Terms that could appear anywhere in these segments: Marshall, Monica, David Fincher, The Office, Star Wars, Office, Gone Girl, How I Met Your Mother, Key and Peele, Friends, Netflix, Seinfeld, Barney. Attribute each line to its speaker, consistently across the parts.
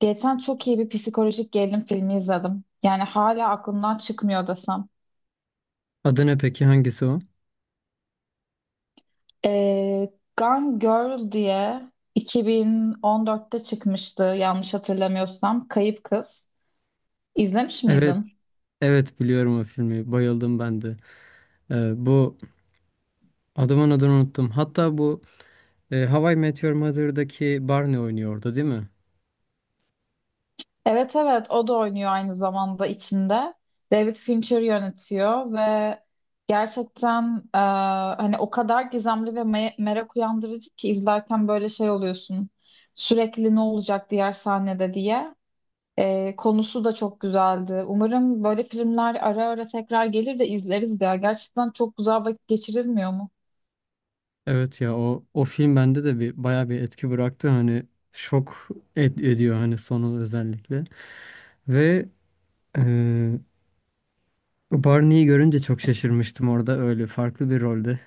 Speaker 1: Geçen çok iyi bir psikolojik gerilim filmi izledim. Yani hala aklımdan çıkmıyor desem.
Speaker 2: Adı ne peki? Hangisi o?
Speaker 1: Ee, Gone Girl diye 2014'te çıkmıştı yanlış hatırlamıyorsam. Kayıp Kız. İzlemiş
Speaker 2: Evet.
Speaker 1: miydin?
Speaker 2: Evet biliyorum o filmi. Bayıldım ben de. Bu adamın adını unuttum. Hatta How I Met Your Mother'daki Barney oynuyordu değil mi?
Speaker 1: Evet, evet, o da oynuyor aynı zamanda içinde. David Fincher yönetiyor ve gerçekten hani o kadar gizemli ve merak uyandırıcı ki izlerken böyle şey oluyorsun. Sürekli ne olacak diğer sahnede diye. Konusu da çok güzeldi. Umarım böyle filmler ara ara tekrar gelir de izleriz ya. Gerçekten çok güzel vakit geçirilmiyor mu?
Speaker 2: Evet ya o film bende de bir bayağı bir etki bıraktı. Hani şok ediyor hani sonu özellikle. Ve e, Barney'i görünce çok şaşırmıştım orada öyle farklı bir rolde.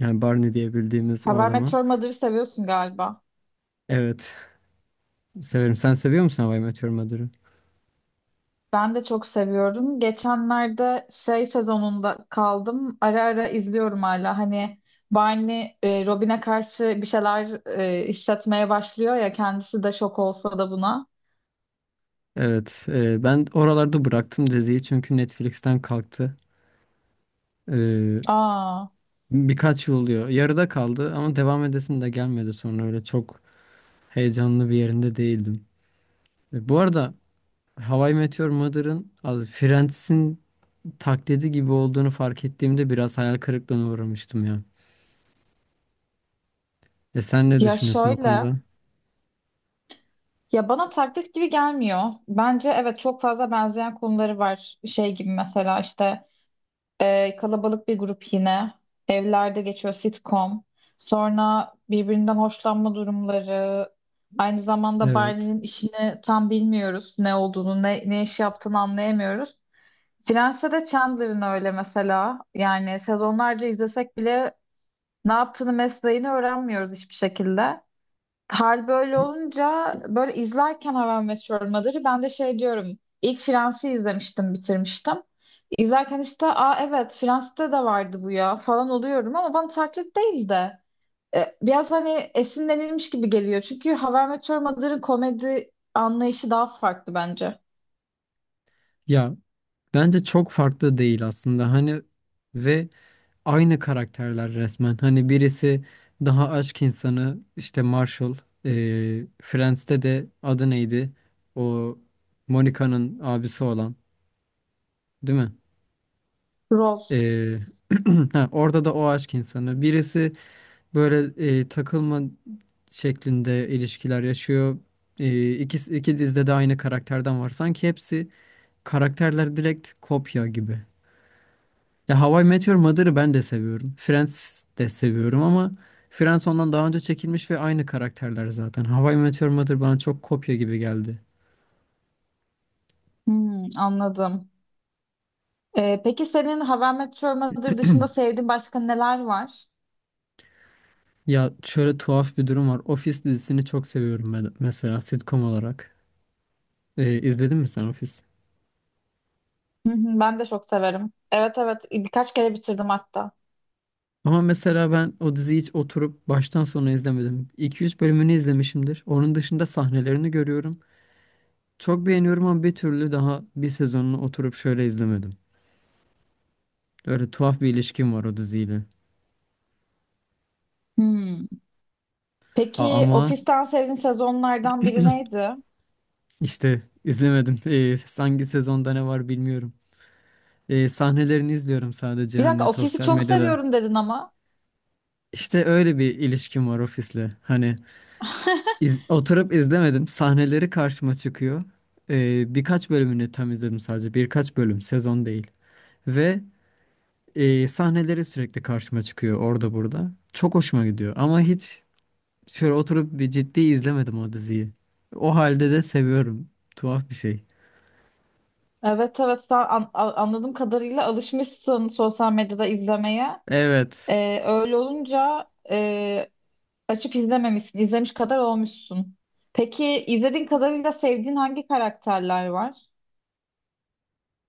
Speaker 2: Yani Barney diye bildiğimiz o
Speaker 1: Haber
Speaker 2: adama.
Speaker 1: Meteor Mother'ı seviyorsun galiba.
Speaker 2: Evet, severim. Sen seviyor musun How I Met Your Mother'ı?
Speaker 1: Ben de çok seviyorum. Geçenlerde şey sezonunda kaldım. Ara ara izliyorum hala. Hani Barney Robin'e karşı bir şeyler hissetmeye başlıyor ya. Kendisi de şok olsa da buna.
Speaker 2: Evet, ben oralarda bıraktım diziyi çünkü Netflix'ten kalktı. E,
Speaker 1: Aa,
Speaker 2: Birkaç yıl oluyor. Yarıda kaldı ama devam edesim de gelmedi, sonra öyle çok heyecanlı bir yerinde değildim. Bu arada How I Met Your Mother'ın az Friends'in taklidi gibi olduğunu fark ettiğimde biraz hayal kırıklığına uğramıştım ya. E, sen ne
Speaker 1: ya
Speaker 2: düşünüyorsun o
Speaker 1: şöyle.
Speaker 2: konuda?
Speaker 1: Ya bana taklit gibi gelmiyor. Bence evet çok fazla benzeyen konuları var. Şey gibi mesela işte kalabalık bir grup yine. Evlerde geçiyor sitcom. Sonra birbirinden hoşlanma durumları. Aynı zamanda
Speaker 2: Evet.
Speaker 1: Barney'nin işini tam bilmiyoruz. Ne olduğunu, ne iş yaptığını anlayamıyoruz. Friends'te de Chandler'ın öyle mesela. Yani sezonlarca izlesek bile ne yaptığını, mesleğini öğrenmiyoruz hiçbir şekilde. Hal böyle olunca böyle izlerken How I Met Your Mother'ı ben de şey diyorum. İlk Friends'i izlemiştim, bitirmiştim. İzlerken işte aa evet Friends'te de vardı bu ya falan oluyorum ama bana taklit değil de biraz hani esinlenilmiş gibi geliyor. Çünkü How I Met Your Mother'ın komedi anlayışı daha farklı bence.
Speaker 2: Ya bence çok farklı değil aslında. Hani ve aynı karakterler resmen. Hani birisi daha aşk insanı, işte Marshall. E, Friends'te de adı neydi? O Monica'nın abisi olan, değil mi?
Speaker 1: Rose.
Speaker 2: E, ha, orada da o aşk insanı. Birisi böyle takılma şeklinde ilişkiler yaşıyor. E, iki dizide de aynı karakterden var. Sanki hepsi karakterler direkt kopya gibi. Ya How I Met Your Mother'ı ben de seviyorum. Friends de seviyorum ama Friends ondan daha önce çekilmiş ve aynı karakterler zaten. How I Met Your Mother bana çok kopya gibi geldi.
Speaker 1: Hmm, anladım. Peki senin How I Met Your Mother dışında sevdiğin başka neler var?
Speaker 2: Ya şöyle tuhaf bir durum var. Office dizisini çok seviyorum ben mesela sitcom olarak. İzledin mi sen Office?
Speaker 1: Hı hı, ben de çok severim. Evet, evet, birkaç kere bitirdim hatta.
Speaker 2: Ama mesela ben o diziyi hiç oturup baştan sona izlemedim. 2-3 bölümünü izlemişimdir. Onun dışında sahnelerini görüyorum. Çok beğeniyorum ama bir türlü daha bir sezonunu oturup şöyle izlemedim. Öyle tuhaf bir ilişkim var o diziyle.
Speaker 1: Hmm. Peki
Speaker 2: Ama
Speaker 1: Ofis'ten sevdiğin sezonlardan biri neydi?
Speaker 2: İşte izlemedim. Hangi sezonda ne var bilmiyorum. Sahnelerini izliyorum sadece,
Speaker 1: Bir dakika
Speaker 2: hani
Speaker 1: Ofis'i
Speaker 2: sosyal
Speaker 1: çok
Speaker 2: medyada.
Speaker 1: seviyorum dedin ama.
Speaker 2: İşte öyle bir ilişkim var ofisle. Hani oturup izlemedim. Sahneleri karşıma çıkıyor. Birkaç bölümünü tam izledim sadece. Birkaç bölüm, sezon değil. Ve Sahneleri sürekli karşıma çıkıyor orada burada. Çok hoşuma gidiyor. Ama hiç şöyle oturup bir ciddi izlemedim o diziyi. O halde de seviyorum. Tuhaf bir şey.
Speaker 1: Evet, evet, sen anladığım kadarıyla alışmışsın sosyal medyada izlemeye.
Speaker 2: Evet.
Speaker 1: Öyle olunca açıp izlememişsin. İzlemiş kadar olmuşsun. Peki izlediğin kadarıyla sevdiğin hangi karakterler var?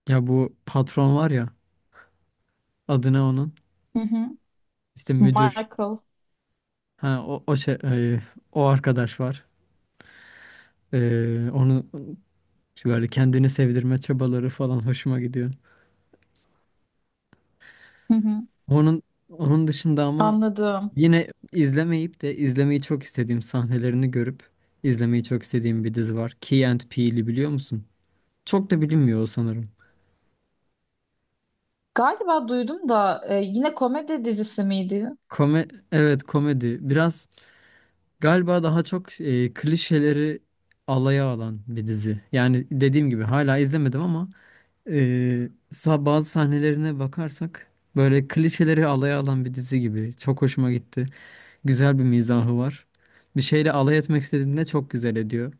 Speaker 2: Ya bu patron var ya. Adına onun,
Speaker 1: Hı hı.
Speaker 2: işte müdür,
Speaker 1: Michael.
Speaker 2: ha o o arkadaş var. E, onu böyle kendini sevdirme çabaları falan hoşuma gidiyor.
Speaker 1: Hı hı,
Speaker 2: Onun onun dışında ama
Speaker 1: anladım.
Speaker 2: yine izlemeyip de izlemeyi çok istediğim sahnelerini görüp izlemeyi çok istediğim bir dizi var. Key and Peele'i biliyor musun? Çok da bilinmiyor o sanırım.
Speaker 1: Galiba duydum da yine komedi dizisi miydi?
Speaker 2: Kome, evet, komedi. Biraz galiba daha çok klişeleri alaya alan bir dizi. Yani dediğim gibi hala izlemedim ama bazı sahnelerine bakarsak böyle klişeleri alaya alan bir dizi gibi. Çok hoşuma gitti. Güzel bir mizahı var. Bir şeyle alay etmek istediğinde çok güzel ediyor.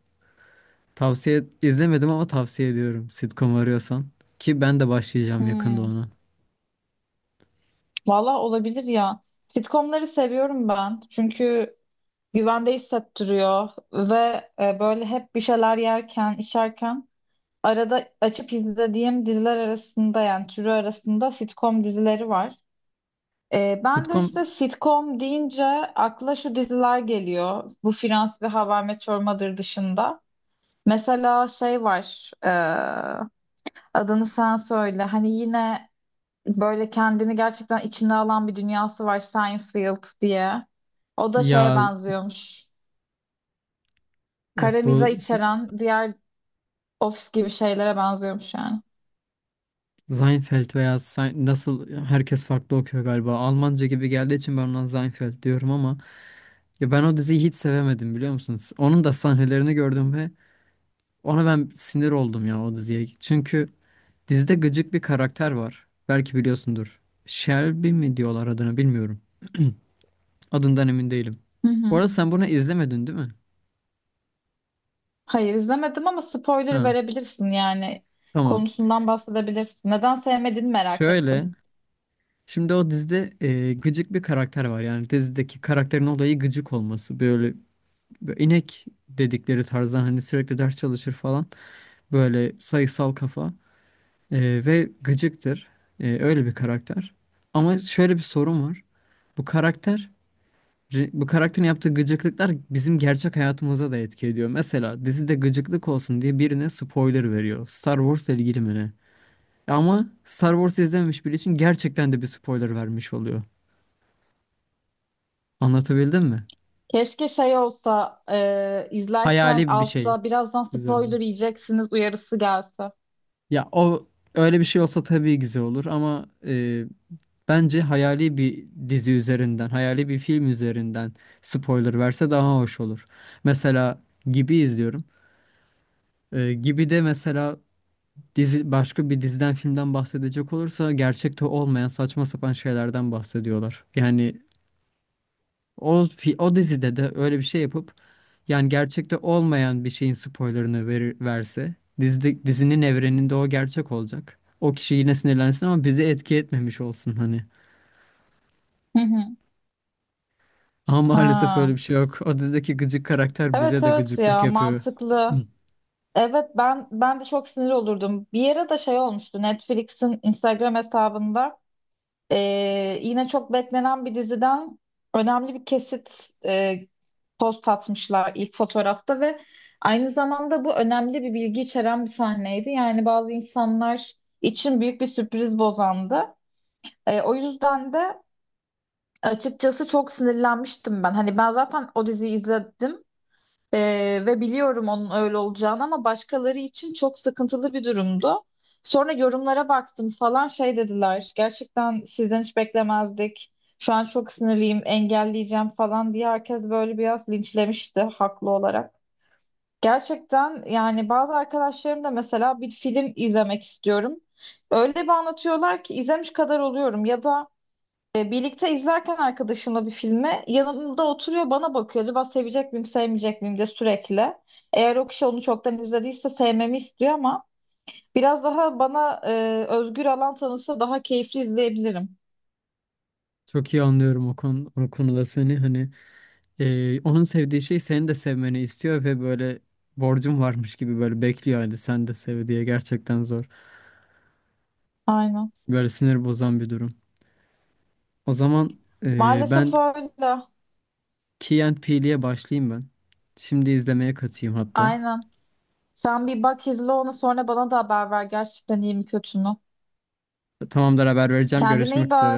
Speaker 2: Tavsiye izlemedim ama tavsiye ediyorum, sitcom arıyorsan. Ki ben de başlayacağım yakında
Speaker 1: Hmm,
Speaker 2: ona.
Speaker 1: valla olabilir ya. Sitcomları seviyorum ben. Çünkü güvende hissettiriyor ve böyle hep bir şeyler yerken, içerken arada açıp izlediğim diziler arasında yani türü arasında sitcom dizileri var. Ben de işte
Speaker 2: Sitcom,
Speaker 1: sitcom deyince akla şu diziler geliyor. Bu Friends ve How I Met Your Mother dışında. Mesela şey var. Adını sen söyle. Hani yine böyle kendini gerçekten içine alan bir dünyası var Seinfeld diye. O da şeye
Speaker 2: ya
Speaker 1: benziyormuş.
Speaker 2: evet,
Speaker 1: Kara mizah içeren diğer Office gibi şeylere benziyormuş yani.
Speaker 2: Seinfeld veya nasıl, herkes farklı okuyor galiba. Almanca gibi geldiği için ben ona Seinfeld diyorum ama ya ben o diziyi hiç sevemedim, biliyor musunuz? Onun da sahnelerini gördüm ve ona ben sinir oldum ya, o diziye. Çünkü dizide gıcık bir karakter var. Belki biliyorsundur. Shelby mi diyorlar adına bilmiyorum. Adından emin değilim.
Speaker 1: Hı
Speaker 2: Bu
Speaker 1: hı.
Speaker 2: arada sen bunu izlemedin değil mi?
Speaker 1: Hayır izlemedim ama spoiler
Speaker 2: Ha,
Speaker 1: verebilirsin yani.
Speaker 2: tamam.
Speaker 1: Konusundan bahsedebilirsin. Neden sevmediğini merak ettim.
Speaker 2: Şöyle. Şimdi o dizide gıcık bir karakter var. Yani dizideki karakterin olayı gıcık olması. Böyle inek dedikleri tarzdan, hani sürekli ders çalışır falan. Böyle sayısal kafa. E, ve gıcıktır. E, öyle bir karakter. Ama şöyle bir sorun var. Bu karakter, bu karakterin yaptığı gıcıklıklar bizim gerçek hayatımıza da etki ediyor. Mesela dizide gıcıklık olsun diye birine spoiler veriyor. Star Wars'la ilgili mi ne? Ama Star Wars izlememiş biri için gerçekten de bir spoiler vermiş oluyor. Anlatabildim mi?
Speaker 1: Keşke şey olsa izlerken
Speaker 2: Hayali bir şey
Speaker 1: altta birazdan
Speaker 2: üzerinde.
Speaker 1: spoiler yiyeceksiniz uyarısı gelse.
Speaker 2: Ya o öyle bir şey olsa tabii güzel olur ama bence hayali bir dizi üzerinden, hayali bir film üzerinden spoiler verse daha hoş olur. Mesela Gibi izliyorum. E, Gibi de mesela, dizi başka bir diziden filmden bahsedecek olursa gerçekte olmayan saçma sapan şeylerden bahsediyorlar. Yani o dizide de öyle bir şey yapıp, yani gerçekte olmayan bir şeyin spoilerını verse, dizinin evreninde o gerçek olacak. O kişi yine sinirlensin ama bizi etki etmemiş olsun hani.
Speaker 1: Hı hı.
Speaker 2: Ama maalesef öyle
Speaker 1: Ha.
Speaker 2: bir şey yok. O dizideki gıcık karakter
Speaker 1: Evet,
Speaker 2: bize de
Speaker 1: evet,
Speaker 2: gıcıklık
Speaker 1: ya
Speaker 2: yapıyor.
Speaker 1: mantıklı. Evet, ben de çok sinir olurdum. Bir yere de şey olmuştu Netflix'in Instagram hesabında yine çok beklenen bir diziden önemli bir kesit post atmışlar ilk fotoğrafta ve aynı zamanda bu önemli bir bilgi içeren bir sahneydi. Yani bazı insanlar için büyük bir sürpriz bozandı. O yüzden de açıkçası çok sinirlenmiştim ben. Hani ben zaten o diziyi izledim. Ve biliyorum onun öyle olacağını ama başkaları için çok sıkıntılı bir durumdu. Sonra yorumlara baktım falan şey dediler. Gerçekten sizden hiç beklemezdik. Şu an çok sinirliyim, engelleyeceğim falan diye herkes böyle biraz linçlemişti haklı olarak. Gerçekten yani bazı arkadaşlarım da mesela bir film izlemek istiyorum. Öyle bir anlatıyorlar ki izlemiş kadar oluyorum ya da birlikte izlerken arkadaşımla bir filmi yanımda oturuyor bana bakıyor. Acaba sevecek miyim sevmeyecek miyim diye sürekli. Eğer o kişi onu çoktan izlediyse sevmemi istiyor ama biraz daha bana özgür alan tanısa daha keyifli izleyebilirim.
Speaker 2: Çok iyi anlıyorum o konu, o konuda seni hani. Onun sevdiği şey senin de sevmeni istiyor ve böyle borcum varmış gibi böyle bekliyor, hadi sen de sev diye. Gerçekten zor.
Speaker 1: Aynen.
Speaker 2: Böyle sinir bozan bir durum. O zaman ben
Speaker 1: Maalesef öyle.
Speaker 2: Key and Peele'ye başlayayım ben. Şimdi izlemeye kaçayım hatta.
Speaker 1: Aynen. Sen bir bak izle onu sonra bana da haber ver gerçekten iyi mi kötü mü.
Speaker 2: Tamamdır, haber vereceğim.
Speaker 1: Kendine iyi
Speaker 2: Görüşmek üzere.
Speaker 1: bak.